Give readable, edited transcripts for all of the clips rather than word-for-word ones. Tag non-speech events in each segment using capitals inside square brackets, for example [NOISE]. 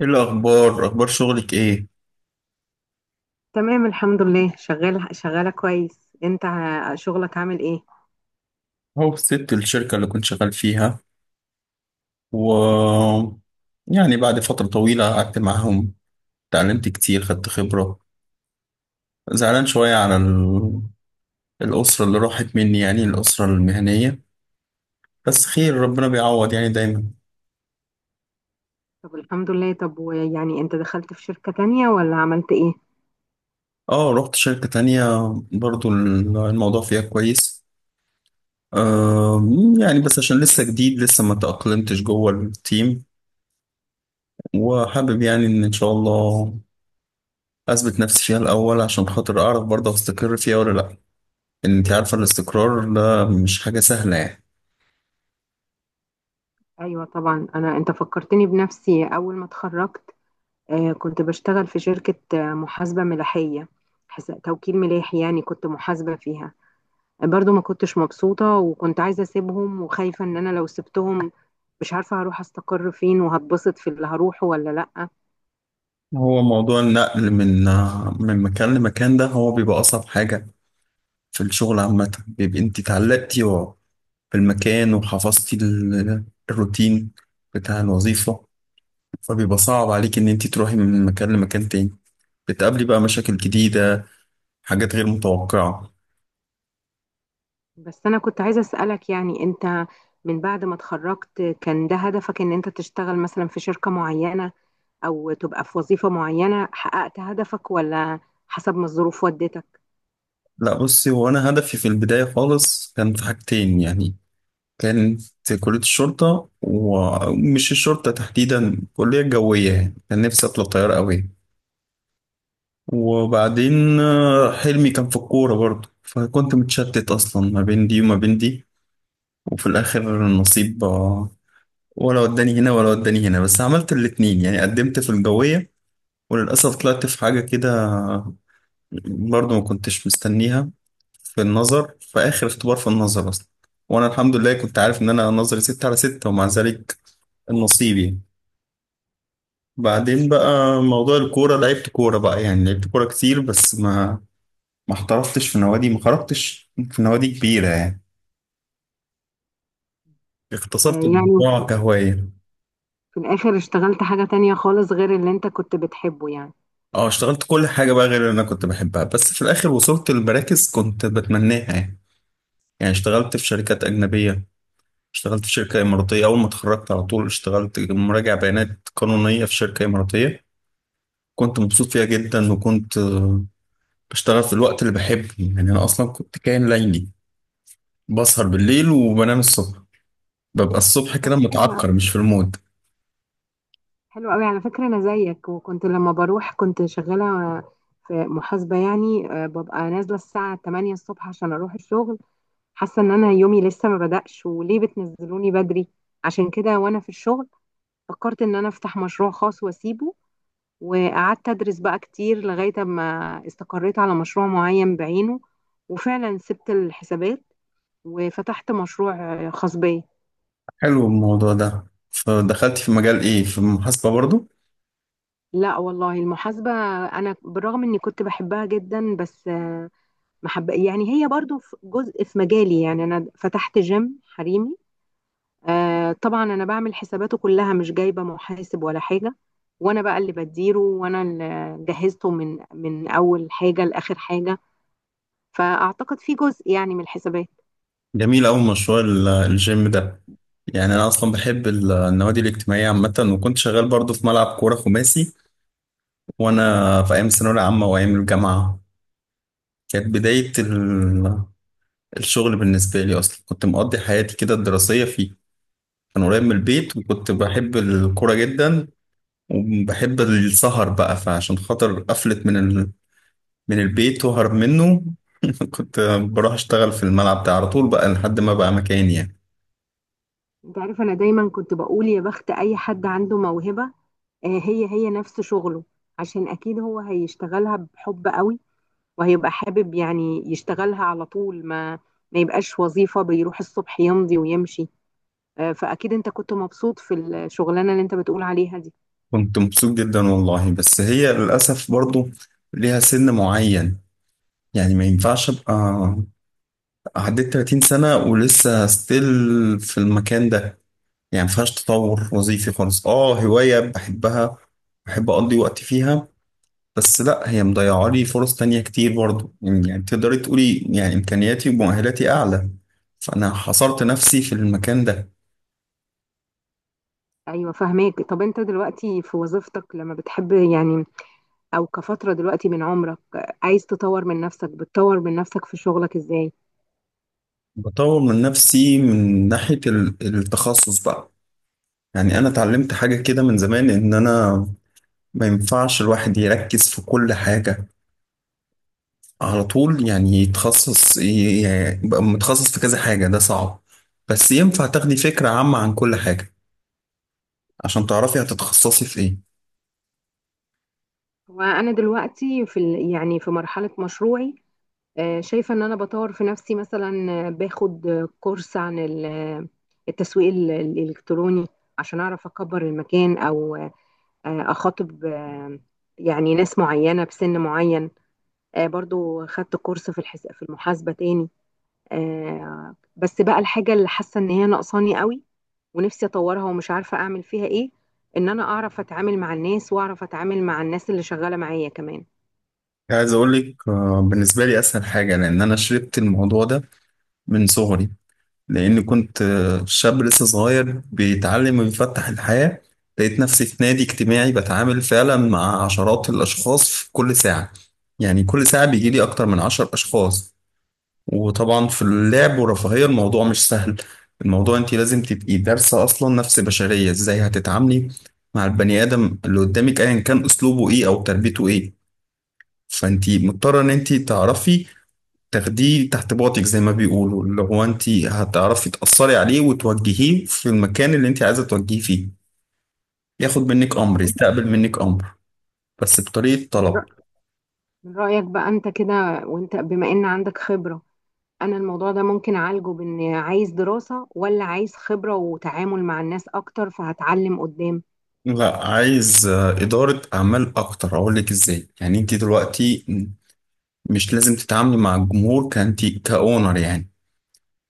ايه الاخبار؟ اخبار شغلك ايه؟ تمام، الحمد لله. شغالة كويس انت شغلك عامل ايه؟ هو سبت الشركه اللي كنت شغال فيها و يعني بعد فتره طويله قعدت معاهم، اتعلمت كتير، خدت خبره. زعلان شويه على الاسره اللي راحت مني، يعني الاسره المهنيه، بس خير، ربنا بيعوض يعني دايما. طب الحمد لله. طب ويعني انت دخلت في شركة تانية ولا عملت ايه؟ اه، رحت شركه تانية، برضو الموضوع فيها كويس. آه يعني بس عشان لسه جديد، لسه ما تأقلمتش جوه التيم، وحابب يعني ان شاء الله اثبت نفسي فيها الاول عشان خاطر اعرف برضه استقر فيها ولا لا. ان انت عارفه الاستقرار ده مش حاجه سهله يعني. ايوه طبعا. انت فكرتني بنفسي. اول ما اتخرجت آه، كنت بشتغل في شركة، محاسبة ملاحية، توكيل ملاحي يعني. كنت محاسبة فيها، برضو ما كنتش مبسوطة، وكنت عايزة اسيبهم وخايفة ان انا لو سبتهم مش عارفة هروح استقر فين وهتبسط في اللي هروحه ولا لأ. هو موضوع النقل من مكان لمكان ده هو بيبقى اصعب حاجه في الشغل عامه، بيبقى انت اتعلقتي بالمكان، وحفظتي الروتين بتاع الوظيفه، فبيبقى صعب عليك ان انت تروحي من مكان لمكان تاني، بتقابلي بقى مشاكل جديده، حاجات غير متوقعه. بس أنا كنت عايزة أسألك، يعني أنت من بعد ما اتخرجت كان ده هدفك إن أنت تشتغل مثلا في شركة معينة أو تبقى في وظيفة معينة؟ حققت هدفك ولا حسب ما الظروف ودتك؟ لا بصي، هو انا هدفي في البدايه خالص كان في حاجتين يعني، كانت كلية الشرطة، ومش الشرطة تحديدا، كلية جوية، يعني كان نفسي أطلع طيار أوي. وبعدين حلمي كان في الكورة برضه، فكنت متشتت أصلا ما بين دي وما بين دي. وفي الآخر النصيب ولا وداني هنا ولا وداني هنا. بس عملت الاتنين، يعني قدمت في الجوية وللأسف طلعت في حاجة كده برضه ما كنتش مستنيها، في النظر، في آخر اختبار، في النظر أصلا، وأنا الحمد لله كنت عارف إن أنا نظري ستة على ستة، ومع ذلك نصيبي. بعدين بقى موضوع الكورة، لعبت كورة بقى يعني، لعبت كورة كتير، بس ما احترفتش في نوادي، ما خرجتش في نوادي كبيرة يعني، آه، اختصرت يعني الموضوع كهواية. في الآخر اشتغلت حاجة تانية خالص غير اللي أنت كنت بتحبه يعني؟ اه، اشتغلت كل حاجة بقى غير اللي انا كنت بحبها، بس في الاخر وصلت لمراكز كنت بتمناها يعني. يعني اشتغلت في شركات اجنبية، اشتغلت في شركة اماراتية. اول ما اتخرجت على طول اشتغلت مراجع بيانات قانونية في شركة اماراتية، كنت مبسوط فيها جدا، وكنت بشتغل في الوقت اللي بحبه. يعني انا اصلا كنت كائن ليلي، بسهر بالليل وبنام الصبح، ببقى الصبح طب كده حلو أوي. متعكر مش في المود. حلو أوي على فكرة، أنا زيك. وكنت لما بروح كنت شغالة في محاسبة يعني، ببقى نازلة الساعة 8 الصبح عشان أروح الشغل. حاسه ان انا يومي لسه ما بدأش وليه بتنزلوني بدري؟ عشان كده، وانا في الشغل، فكرت ان انا افتح مشروع خاص واسيبه. وقعدت ادرس بقى كتير لغايه ما استقريت على مشروع معين بعينه. وفعلا سبت الحسابات وفتحت مشروع خاص بيا. حلو الموضوع ده، فدخلت في مجال ايه؟ في المحاسبة برضو؟ لا والله، المحاسبه انا بالرغم اني كنت بحبها جدا بس ما حب يعني. هي برضو في جزء في مجالي، يعني انا فتحت جيم حريمي. آه طبعا انا بعمل حساباته كلها، مش جايبه محاسب ولا حاجه. وانا بقى اللي بديره، وانا اللي جهزته من اول حاجه لاخر حاجه. فاعتقد في جزء يعني من الحسابات. جميل أوي مشروع الجيم ده. يعني أنا أصلا بحب النوادي الاجتماعية عامة، وكنت شغال برضو في ملعب كورة خماسي وأنا في أيام الثانوية العامة وأيام الجامعة. كانت بداية الشغل بالنسبة لي، أصلا كنت مقضي حياتي كده الدراسية فيه، كان قريب من البيت وكنت بحب الكورة جدا وبحب السهر بقى، فعشان خاطر قفلت من البيت وهرب منه. [LAUGHS] كنت بروح اشتغل في الملعب ده على طول بقى لحد ما بقى مكاني يعني. انت عارف، انا دايما كنت بقول يا بخت اي حد عنده موهبة هي هي نفس شغله، عشان اكيد هو هيشتغلها بحب قوي وهيبقى حابب يعني يشتغلها على طول، ما يبقاش وظيفة بيروح الصبح يمضي ويمشي. فاكيد انت كنت مبسوط في الشغلانة اللي انت بتقول عليها دي. كنت مبسوط جدا والله، بس هي للأسف برضو ليها سن معين، يعني ما ينفعش ابقى عديت 30 سنة ولسه ستيل في المكان ده. يعني ما فيهاش تطور وظيفي خالص، اه هواية بحبها، بحب أقضي وقت فيها، بس لا، هي مضيعة لي فرص تانية كتير برضو، يعني تقدري تقولي يعني إمكانياتي ومؤهلاتي أعلى، فأنا حصرت نفسي في المكان ده. ايوه، فهماك. طب انت دلوقتي في وظيفتك لما بتحب يعني، او كفتره دلوقتي من عمرك، عايز تطور من نفسك، بتطور من نفسك في شغلك ازاي؟ بطور من نفسي من ناحية التخصص بقى، يعني أنا اتعلمت حاجة كده من زمان إن أنا ما ينفعش الواحد يركز في كل حاجة على طول، يعني يتخصص يعني يبقى متخصص في كذا حاجة، ده صعب، بس ينفع تاخدي فكرة عامة عن كل حاجة عشان تعرفي هتتخصصي في إيه. وانا دلوقتي في يعني في مرحله مشروعي، شايفه ان انا بطور في نفسي. مثلا باخد كورس عن التسويق الالكتروني عشان اعرف اكبر المكان، او اخاطب يعني ناس معينه بسن معين. برضو خدت كورس في في المحاسبه تاني آه، بس بقى الحاجة اللي حاسة ان هي ناقصاني قوي ونفسي اطورها ومش عارفة اعمل فيها ايه، ان انا اعرف اتعامل مع الناس واعرف اتعامل مع الناس اللي شغالة معايا كمان. عايز أقولك بالنسبة لي أسهل حاجة، لأن أنا شربت الموضوع ده من صغري، لأني كنت شاب لسه صغير بيتعلم ويفتح الحياة، لقيت نفسي في نادي اجتماعي بتعامل فعلا مع عشرات الأشخاص في كل ساعة، يعني كل ساعة بيجيلي أكتر من عشر أشخاص. وطبعا في اللعب والرفاهية الموضوع مش سهل، الموضوع أنت لازم تبقي دارسة أصلا نفس بشرية إزاي هتتعاملي مع البني آدم اللي قدامك أيا كان أسلوبه إيه أو تربيته إيه. فأنت مضطرة إن أنت تعرفي تاخديه تحت باطك زي ما بيقولوا، اللي هو انت هتعرفي تأثري عليه وتوجهيه في المكان اللي انت عايزة توجهيه فيه، ياخد منك امر، طب أنت يستقبل منك امر بس بطريقة من طلب. رأ- من رأيك بقى انت كده وانت بما ان عندك خبرة، انا الموضوع ده ممكن اعالجه بان عايز دراسة ولا عايز خبرة وتعامل مع الناس اكتر فهتعلم قدام؟ لا، عايز إدارة أعمال أكتر، أقول لك إزاي. يعني أنت دلوقتي مش لازم تتعاملي مع الجمهور كأنت كأونر، يعني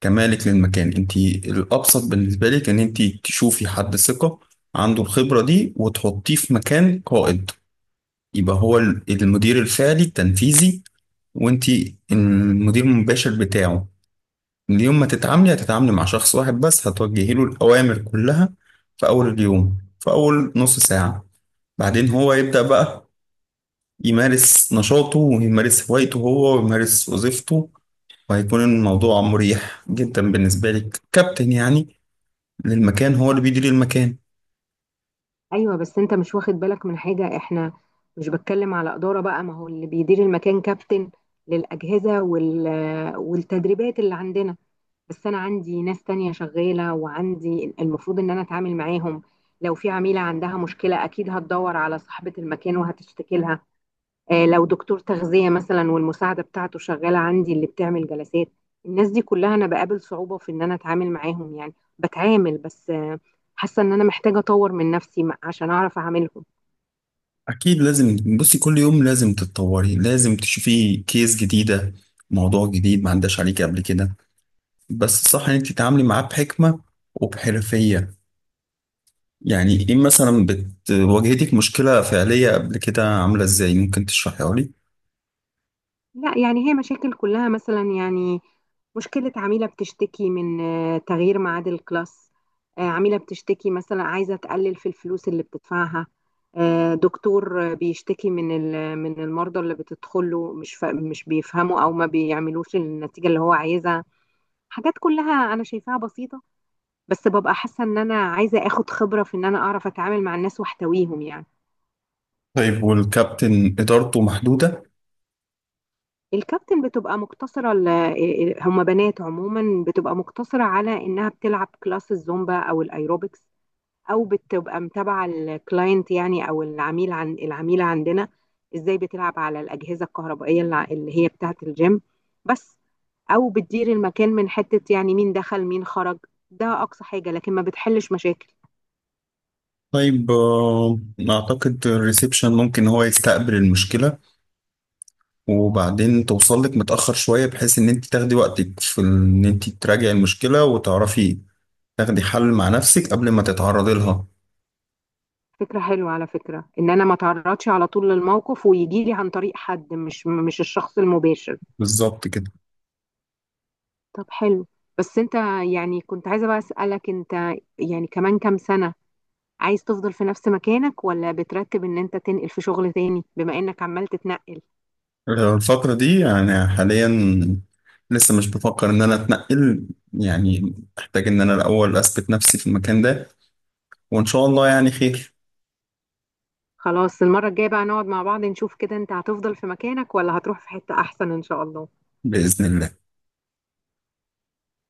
كمالك للمكان. أنت الأبسط بالنسبة لك إن أنت تشوفي حد ثقة عنده الخبرة دي وتحطيه في مكان قائد، يبقى هو المدير الفعلي التنفيذي، وانتي المدير المباشر بتاعه. اليوم ما تتعاملي هتتعاملي مع شخص واحد بس، هتوجهي له الأوامر كلها في أول اليوم، في أول نص ساعة، بعدين هو يبدأ بقى يمارس نشاطه ويمارس هوايته هو ويمارس وظيفته. وهيكون الموضوع مريح جدا بالنسبة لك كابتن، يعني للمكان، هو اللي بيدير المكان. ايوه بس انت مش واخد بالك من حاجة. احنا مش بتكلم على إدارة بقى، ما هو اللي بيدير المكان كابتن للأجهزة والتدريبات اللي عندنا. بس انا عندي ناس تانية شغالة، وعندي المفروض ان انا اتعامل معاهم. لو في عميلة عندها مشكلة اكيد هتدور على صاحبة المكان وهتشتكي لها. لو دكتور تغذية مثلا والمساعدة بتاعته شغالة عندي اللي بتعمل جلسات، الناس دي كلها انا بقابل صعوبة في ان انا اتعامل معاهم يعني. بتعامل بس حاسة ان انا محتاجة اطور من نفسي عشان اعرف اعاملهم. أكيد لازم، بصي، كل يوم لازم تتطوري، لازم تشوفي كيس جديدة، موضوع جديد ما عداش عليك قبل كده، بس صح ان انت تتعاملي معاه بحكمة وبحرفية. يعني ايه مثلا، واجهتك مشكلة فعلية قبل كده، عاملة ازاي؟ ممكن تشرحيها لي؟ لا يعني هي مشاكل كلها مثلا يعني، مشكلة عميلة بتشتكي من تغيير ميعاد الكلاس، عميلة بتشتكي مثلا عايزة تقلل في الفلوس اللي بتدفعها، دكتور بيشتكي من من المرضى اللي بتدخله مش مش بيفهموا او ما بيعملوش النتيجة اللي هو عايزها. حاجات كلها انا شايفاها بسيطة، بس ببقى حاسة ان انا عايزة اخد خبرة في ان انا اعرف اتعامل مع الناس واحتويهم يعني. طيب، والكابتن إدارته محدودة؟ الكابتن بتبقى مقتصرة، هما بنات عموما بتبقى مقتصرة على إنها بتلعب كلاس الزومبا أو الأيروبكس، أو بتبقى متابعة الكلاينت يعني، أو العميل عن العميلة عندنا إزاي بتلعب على الأجهزة الكهربائية اللي هي بتاعة الجيم بس، أو بتدير المكان من حتة يعني مين دخل مين خرج. ده أقصى حاجة، لكن ما بتحلش مشاكل. طيب، أعتقد الريسبشن ممكن هو يستقبل المشكلة، وبعدين توصل لك متأخر شوية بحيث إن أنت تاخدي وقتك في إن أنت تراجعي المشكلة، وتعرفي تاخدي حل مع نفسك قبل ما تتعرضي لها. فكرة حلوة على فكرة، إن أنا ما تعرضش على طول للموقف ويجي لي عن طريق حد، مش الشخص المباشر. بالظبط كده. طب حلو. بس انت، يعني كنت عايزة بقى أسألك، انت يعني كمان كام سنة عايز تفضل في نفس مكانك، ولا بترتب ان انت تنقل في شغل تاني بما انك عمال تتنقل؟ الفترة دي يعني حاليا لسه مش بفكر إن أنا أتنقل، يعني أحتاج إن أنا الأول أثبت نفسي في المكان ده، وإن شاء الله يعني خير. خلاص، المرة الجاية بقى نقعد مع بعض نشوف كده، انت هتفضل في مكانك ولا هتروح في حتة احسن، ان شاء الله. بإذن الله.